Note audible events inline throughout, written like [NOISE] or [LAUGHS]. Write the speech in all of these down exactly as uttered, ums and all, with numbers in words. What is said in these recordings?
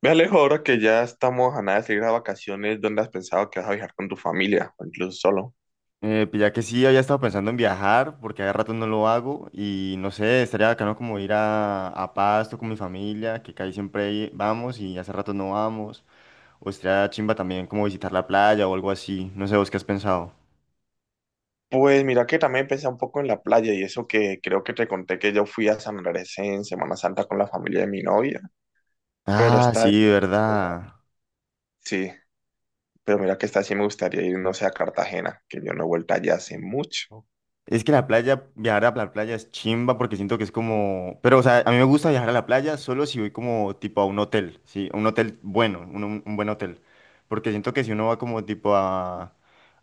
Me alejo ahora que ya estamos a nada de salir a vacaciones, ¿dónde has pensado que vas a viajar con tu familia o incluso solo? Eh, pues ya que sí, había estado pensando en viajar, porque hace rato no lo hago, y no sé, estaría bacano como ir a, a Pasto con mi familia, que casi siempre i- vamos y hace rato no vamos, o estaría chimba también como visitar la playa o algo así, no sé, ¿vos qué has pensado? Pues mira que también pensé un poco en la playa y eso que creo que te conté que yo fui a San Andrés en Semana Santa con la familia de mi novia, pero Ah, está... sí, verdad. Sí, pero mira que esta sí me gustaría ir, no sé, a Cartagena, que yo no he vuelto allá hace mucho. Es que la playa, viajar a la playa es chimba porque siento que es como... Pero, o sea, a mí me gusta viajar a la playa solo si voy como tipo a un hotel, ¿sí? Un hotel bueno, un, un- un buen hotel. Porque siento que si uno va como tipo a,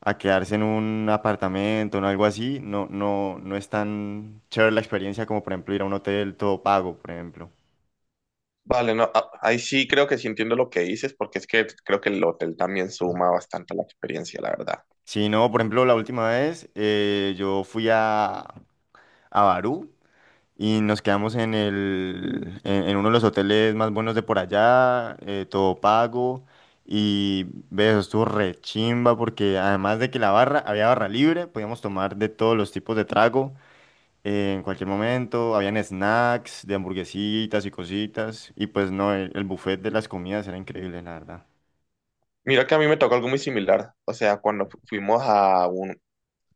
a quedarse en un apartamento o algo así, no, no, no es tan chévere la experiencia como, por ejemplo, ir a un hotel todo pago, por ejemplo. Vale, no, a- ahí sí creo que sí entiendo lo que dices, porque es que creo que el hotel también suma bastante a la experiencia, la verdad. Si no, por ejemplo, la última vez eh, yo fui a, a Barú. Y nos quedamos en el, en, en uno de los hoteles más buenos de por allá, eh, todo pago. Y ve, eso estuvo re chimba porque además de que la barra, había barra libre, podíamos tomar de todos los tipos de trago eh, en cualquier momento. Habían snacks de hamburguesitas y cositas. Y pues no, el, el buffet de las comidas era increíble, la verdad. Mira que a mí me tocó algo muy similar, o sea, cuando fu- fuimos a un,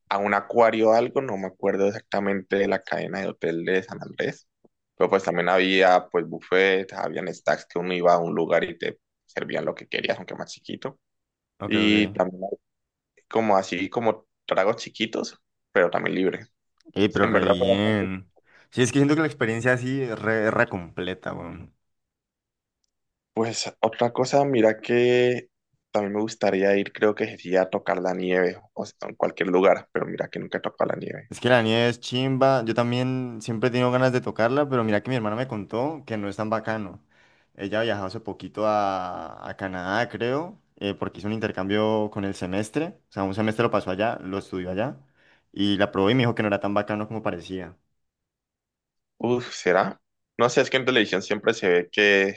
a un acuario o algo, no me acuerdo exactamente de la cadena de hotel de San Andrés, pero pues también había pues buffet, habían stacks que uno iba a un lugar y te servían lo que querías, aunque más chiquito, Ok, y ok. también hay como así como tragos chiquitos, pero también libre. Ey, Sí, pero En re verdad fue bastante. bien. Sí, es que siento que la experiencia así es re, re completa, weón. Pues otra cosa, mira que también me gustaría ir, creo que sería a tocar la nieve, o sea, en cualquier lugar, pero mira que nunca he tocado la nieve. Es que la nieve es chimba. Yo también siempre he tenido ganas de tocarla, pero mira que mi hermana me contó que no es tan bacano. Ella viajó hace poquito a, a Canadá, creo, eh, porque hizo un intercambio con el semestre. O sea, un semestre lo pasó allá, lo estudió allá. Y la probó y me dijo que no era tan bacano como parecía. Uf, ¿será? No sé, es que en televisión siempre se ve que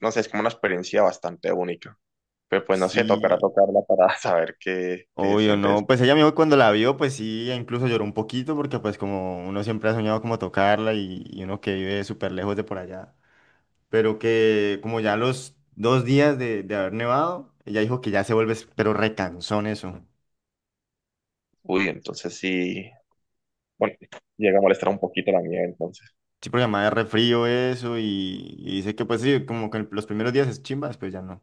no sé, es como una experiencia bastante única. Pero pues no sé, tocará Sí, tocarla para [LAUGHS] saber qué, qué se obvio, siente no. eso. Pues ella me dijo que cuando la vio, pues sí, e incluso lloró un poquito, porque pues como uno siempre ha soñado como tocarla y, y uno que vive súper lejos de por allá. Pero que como ya los dos días de, de haber nevado, ella dijo que ya se vuelve, pero recansón eso. Uy, entonces sí, bueno, llega a molestar un poquito la nieve entonces. Sí, porque además es re frío eso y, y dice que pues sí, como que los primeros días es chimba, después ya no.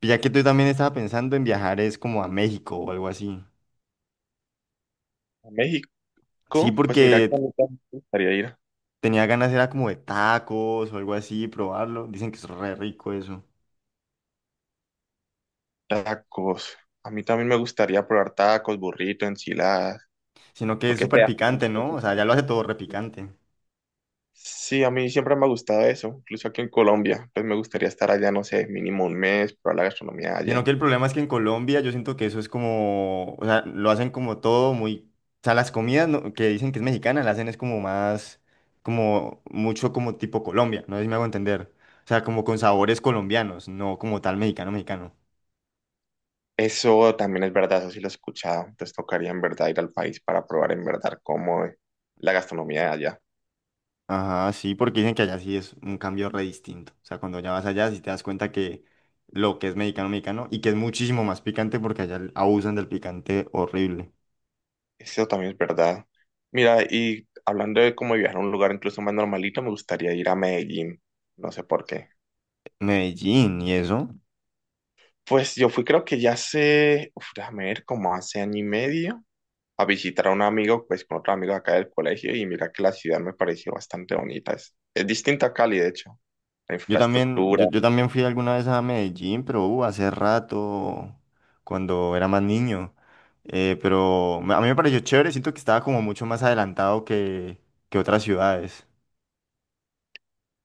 Y ya que tú también estaba pensando en viajar es como a México o algo así. A México, Sí, pues mira que porque a mí también me gustaría ir. tenía ganas era como de tacos o algo así, probarlo. Dicen que es re rico eso. Tacos. A mí también me gustaría probar tacos, burrito, enchiladas, Sino que lo es que súper sea. picante, ¿no? O sea, ya lo hace todo re picante. Sí, a mí siempre me ha gustado eso, incluso aquí en Colombia, pues me gustaría estar allá, no sé, mínimo un mes, probar la gastronomía Sino allá. que el problema es que en Colombia yo siento que eso es como, o sea, lo hacen como todo muy, o sea, las comidas no- que dicen que es mexicana, la hacen es como más, como mucho como tipo Colombia, no sé si me hago entender. O sea, como con sabores colombianos, no como tal mexicano, mexicano. Eso también es verdad, eso sí lo he escuchado. Entonces tocaría en verdad ir al país para probar en verdad cómo es la gastronomía de allá. Ajá, sí, porque dicen que allá sí es un cambio re distinto. O sea, cuando ya vas allá sí te das cuenta que lo que es mexicano, mexicano, y que es muchísimo más picante porque allá abusan del picante horrible. Eso también es verdad. Mira, y hablando de cómo viajar a un lugar incluso más normalito, me gustaría ir a Medellín. No sé por qué. Medellín y eso. Pues yo fui creo que ya hace, uf, déjame ver, como hace año y medio, a visitar a un amigo, pues con otro amigo acá del colegio, y mira que la ciudad me pareció bastante bonita. Es, es distinta a Cali, de hecho. La Yo también, infraestructura, yo, yo también fui alguna vez a Medellín, pero uh, hace rato, cuando era más niño. Eh, pero me- a mí me pareció chévere, siento que estaba como mucho más adelantado que, que otras ciudades.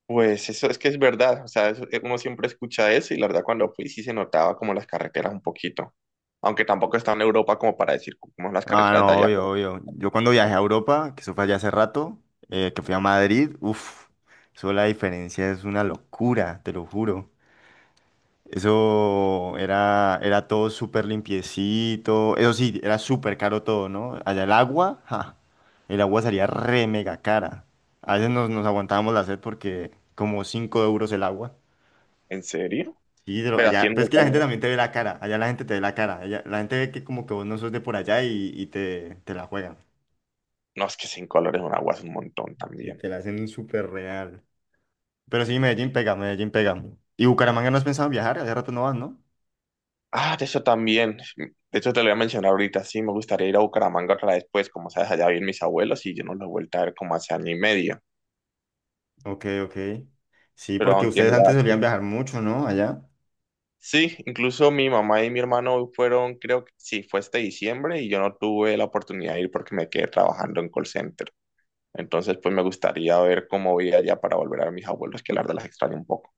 pues eso es que es verdad, o sea, eso- eh, uno siempre escucha eso y la verdad cuando fui sí se notaba como las carreteras un poquito, aunque tampoco está en Europa como para decir como las Ah, carreteras de no, allá, obvio, pero obvio. Yo cuando viajé [LAUGHS] a Europa, que eso fue allá hace rato, eh, que fui a Madrid, uff, eso la diferencia es una locura, te lo juro. Eso era, era todo súper limpiecito. Eso sí, era súper caro todo, ¿no? Allá el agua, ja, el agua salía re mega cara. A veces nos, nos aguantábamos la sed porque como cinco euros el agua. ¿en serio? Sí, pero Pero allá, pero es haciendo que la gente también te ve la cara. Allá la gente te ve la cara. Allá, la gente ve que como que vos no sos de por allá y, y te, te la juegan. no es que cinco dólares un agua es un montón Sí, también. te la hacen súper real. Pero sí, Medellín pega, Medellín pega. ¿Y Bucaramanga no has pensado en viajar? Hace rato no vas, no. Ah, de eso también, de hecho te lo voy a mencionar ahorita, sí, me gustaría ir a Bucaramanga otra vez, pues como sabes, allá viven mis abuelos y yo no los he vuelto a ver como hace año y medio, Ok, ok. Sí, pero porque aunque ustedes mira, antes solían viajar mucho, ¿no? Allá. sí, incluso mi mamá y mi hermano fueron, creo que sí, fue este diciembre y yo no tuve la oportunidad de ir porque me quedé trabajando en call center. Entonces, pues me gustaría ver cómo voy allá para volver a ver mis abuelos, que la verdad las extraño un poco.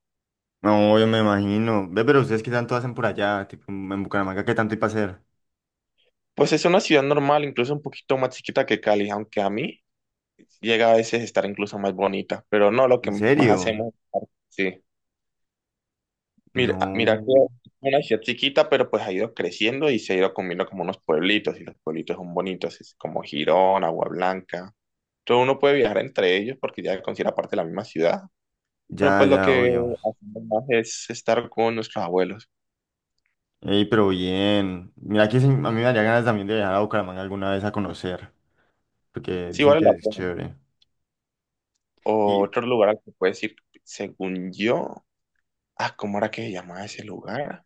No, yo me imagino. Ve, pero ustedes qué tanto hacen por allá, tipo en Bucaramanga, ¿qué tanto hay para hacer? Pues es una ciudad normal, incluso un poquito más chiquita que Cali, aunque a mí llega a veces a estar incluso más bonita, pero no lo que ¿En más serio? hacemos. Sí, mira, ah, mira que No. es una ciudad chiquita, pero pues ha ido creciendo y se ha ido comiendo como unos pueblitos y los pueblitos son bonitos, es como Girón, Agua Blanca. Todo uno puede viajar entre ellos porque ya considera parte de la misma ciudad. Pero Ya, pues lo ya, que obvio. hacemos más es estar con nuestros abuelos. Ey, pero bien. Mira que sí, a mí me daría ganas también de viajar a Bucaramanga alguna vez a conocer, porque Sí dicen vale que la es pena. chévere. Y, Otro lugar al que puedes ir, según yo. Ah, ¿cómo era que se llamaba ese lugar?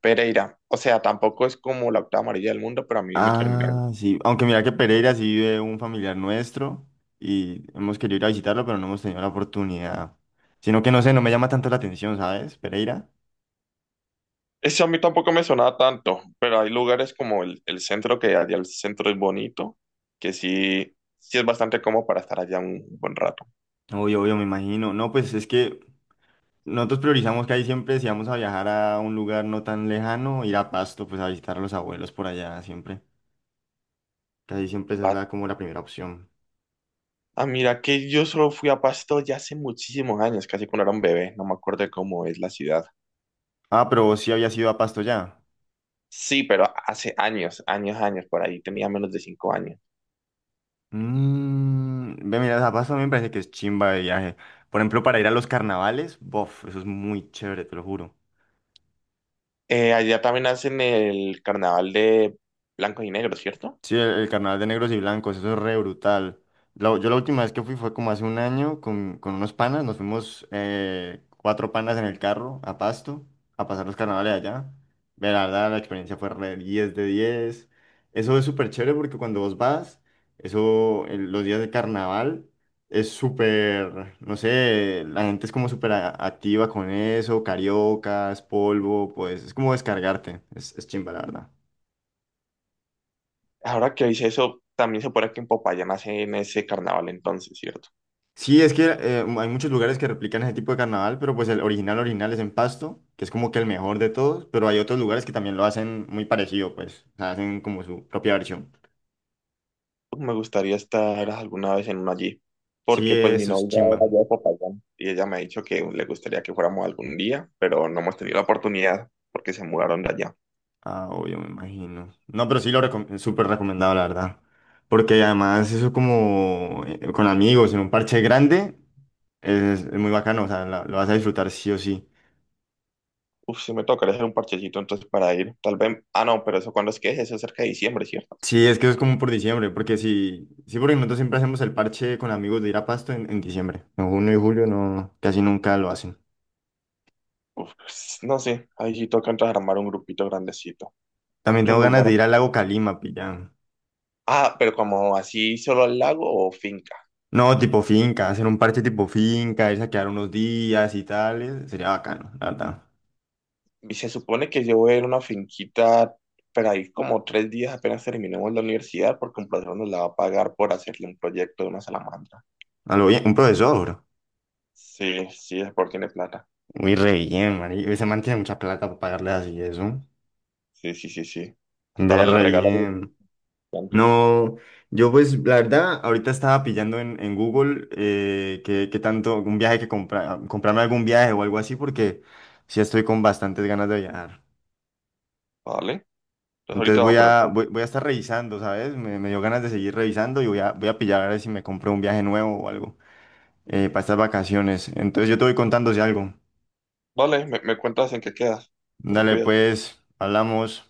Pereira. O sea, tampoco es como la octava amarilla del mundo, pero a mí me terminó. ah, sí. Aunque mira que Pereira sí vive un familiar nuestro y hemos querido ir a visitarlo, pero no hemos tenido la oportunidad. Sino que no sé, no me llama tanto la atención, ¿sabes? Pereira. Ese a mí tampoco me sonaba tanto, pero hay lugares como el, el centro, que allá el centro es bonito, que sí, sí es bastante cómodo para estar allá un buen rato. Obvio, obvio, me imagino. No, pues es que nosotros priorizamos que ahí siempre, si vamos a viajar a un lugar no tan lejano, ir a Pasto, pues a visitar a los abuelos por allá siempre. Casi siempre esa es la, como la primera opción. Ah, mira, que yo solo fui a Pasto ya hace muchísimos años, casi cuando era un bebé, no me acuerdo de cómo es la ciudad. Ah, pero vos sí habías ido a Pasto ya. Sí, pero hace años, años, años, por ahí tenía menos de cinco años. Mm, ve, mira, a Pasto a mí me parece que es chimba de viaje. Por ejemplo, para ir a los carnavales, bof, eso es muy chévere, te lo juro. Eh, allá también hacen el carnaval de Blanco y Negro, ¿cierto? Sí, el, el carnaval de negros y blancos, eso es re brutal. La- yo la última vez que fui fue como hace un año con, con unos panas, nos fuimos eh, cuatro panas en el carro a Pasto a pasar los carnavales allá. Ve, la verdad, la experiencia fue re diez de diez. Eso es súper chévere porque cuando vos vas, eso, el- los días de carnaval es súper, no sé, la gente es como súper a- activa con eso, cariocas, polvo, pues es como descargarte, es, es chimba, la verdad. Ahora que hice eso, también se supone que en Popayán hacen ese carnaval entonces, ¿cierto? Sí, es que eh, hay muchos lugares que replican ese tipo de carnaval, pero pues el original original es en Pasto, que es como que el mejor de todos, pero hay otros lugares que también lo hacen muy parecido, pues, o sea, hacen como su propia versión. Me gustaría estar alguna vez en uno allí, Sí, porque pues mi eso es novia chimba. era allá de Popayán y ella me ha dicho que le gustaría que fuéramos algún día, pero no hemos tenido la oportunidad porque se mudaron de allá. Ah, obvio, me imagino. No, pero sí lo recom- súper recomendado, la verdad. Porque además eso como eh, con amigos en un parche grande es, es muy bacano, o sea, la- lo vas a disfrutar sí o sí. Uf, sí me tocaría hacer un parchecito entonces para ir. Tal vez. Ah, no, pero eso cuando es que es, eso es cerca de diciembre, ¿cierto? Sí, es que eso es como por diciembre, porque si, sí, porque nosotros siempre hacemos el parche con amigos de ir a Pasto en, en diciembre. En junio y julio no, casi nunca lo hacen. Uf, pues, no sé. Ahí sí toca entonces armar un grupito grandecito. También Otro tengo ganas lugar. de ir al lago Calima, pillan. Ah, pero como así solo al lago o finca. No, tipo finca, hacer un parche tipo finca, irse a quedar unos días y tal, eh, sería bacano, la verdad. Y se supone que yo voy a ir a una finquita, pero ahí como tres días apenas terminemos la universidad, porque un profesor nos la va a pagar por hacerle un proyecto de una salamandra. A lo bien, un profesor, bro. Sí, sí, es porque tiene plata. Muy re bien, man. Ese man tiene mucha plata para pagarle así eso. Sí, sí, sí, sí. Hasta Ve ahora le re regalo bien. antes. No, yo pues la verdad, ahorita estaba pillando en, en Google eh, qué, qué tanto, algún viaje que comprar, comprarme algún viaje o algo así, porque sí estoy con bastantes ganas de viajar. Vale. Entonces Entonces ahorita voy voy a poner. a, voy, voy a estar revisando, ¿sabes? Me, me dio ganas de seguir revisando y voy a, voy a pillar a ver si me compro un viaje nuevo o algo eh, para estas vacaciones. Entonces yo te voy contando si algo. Vale, me, me cuentas en qué quedas. Te me Dale, cuidas. pues, hablamos.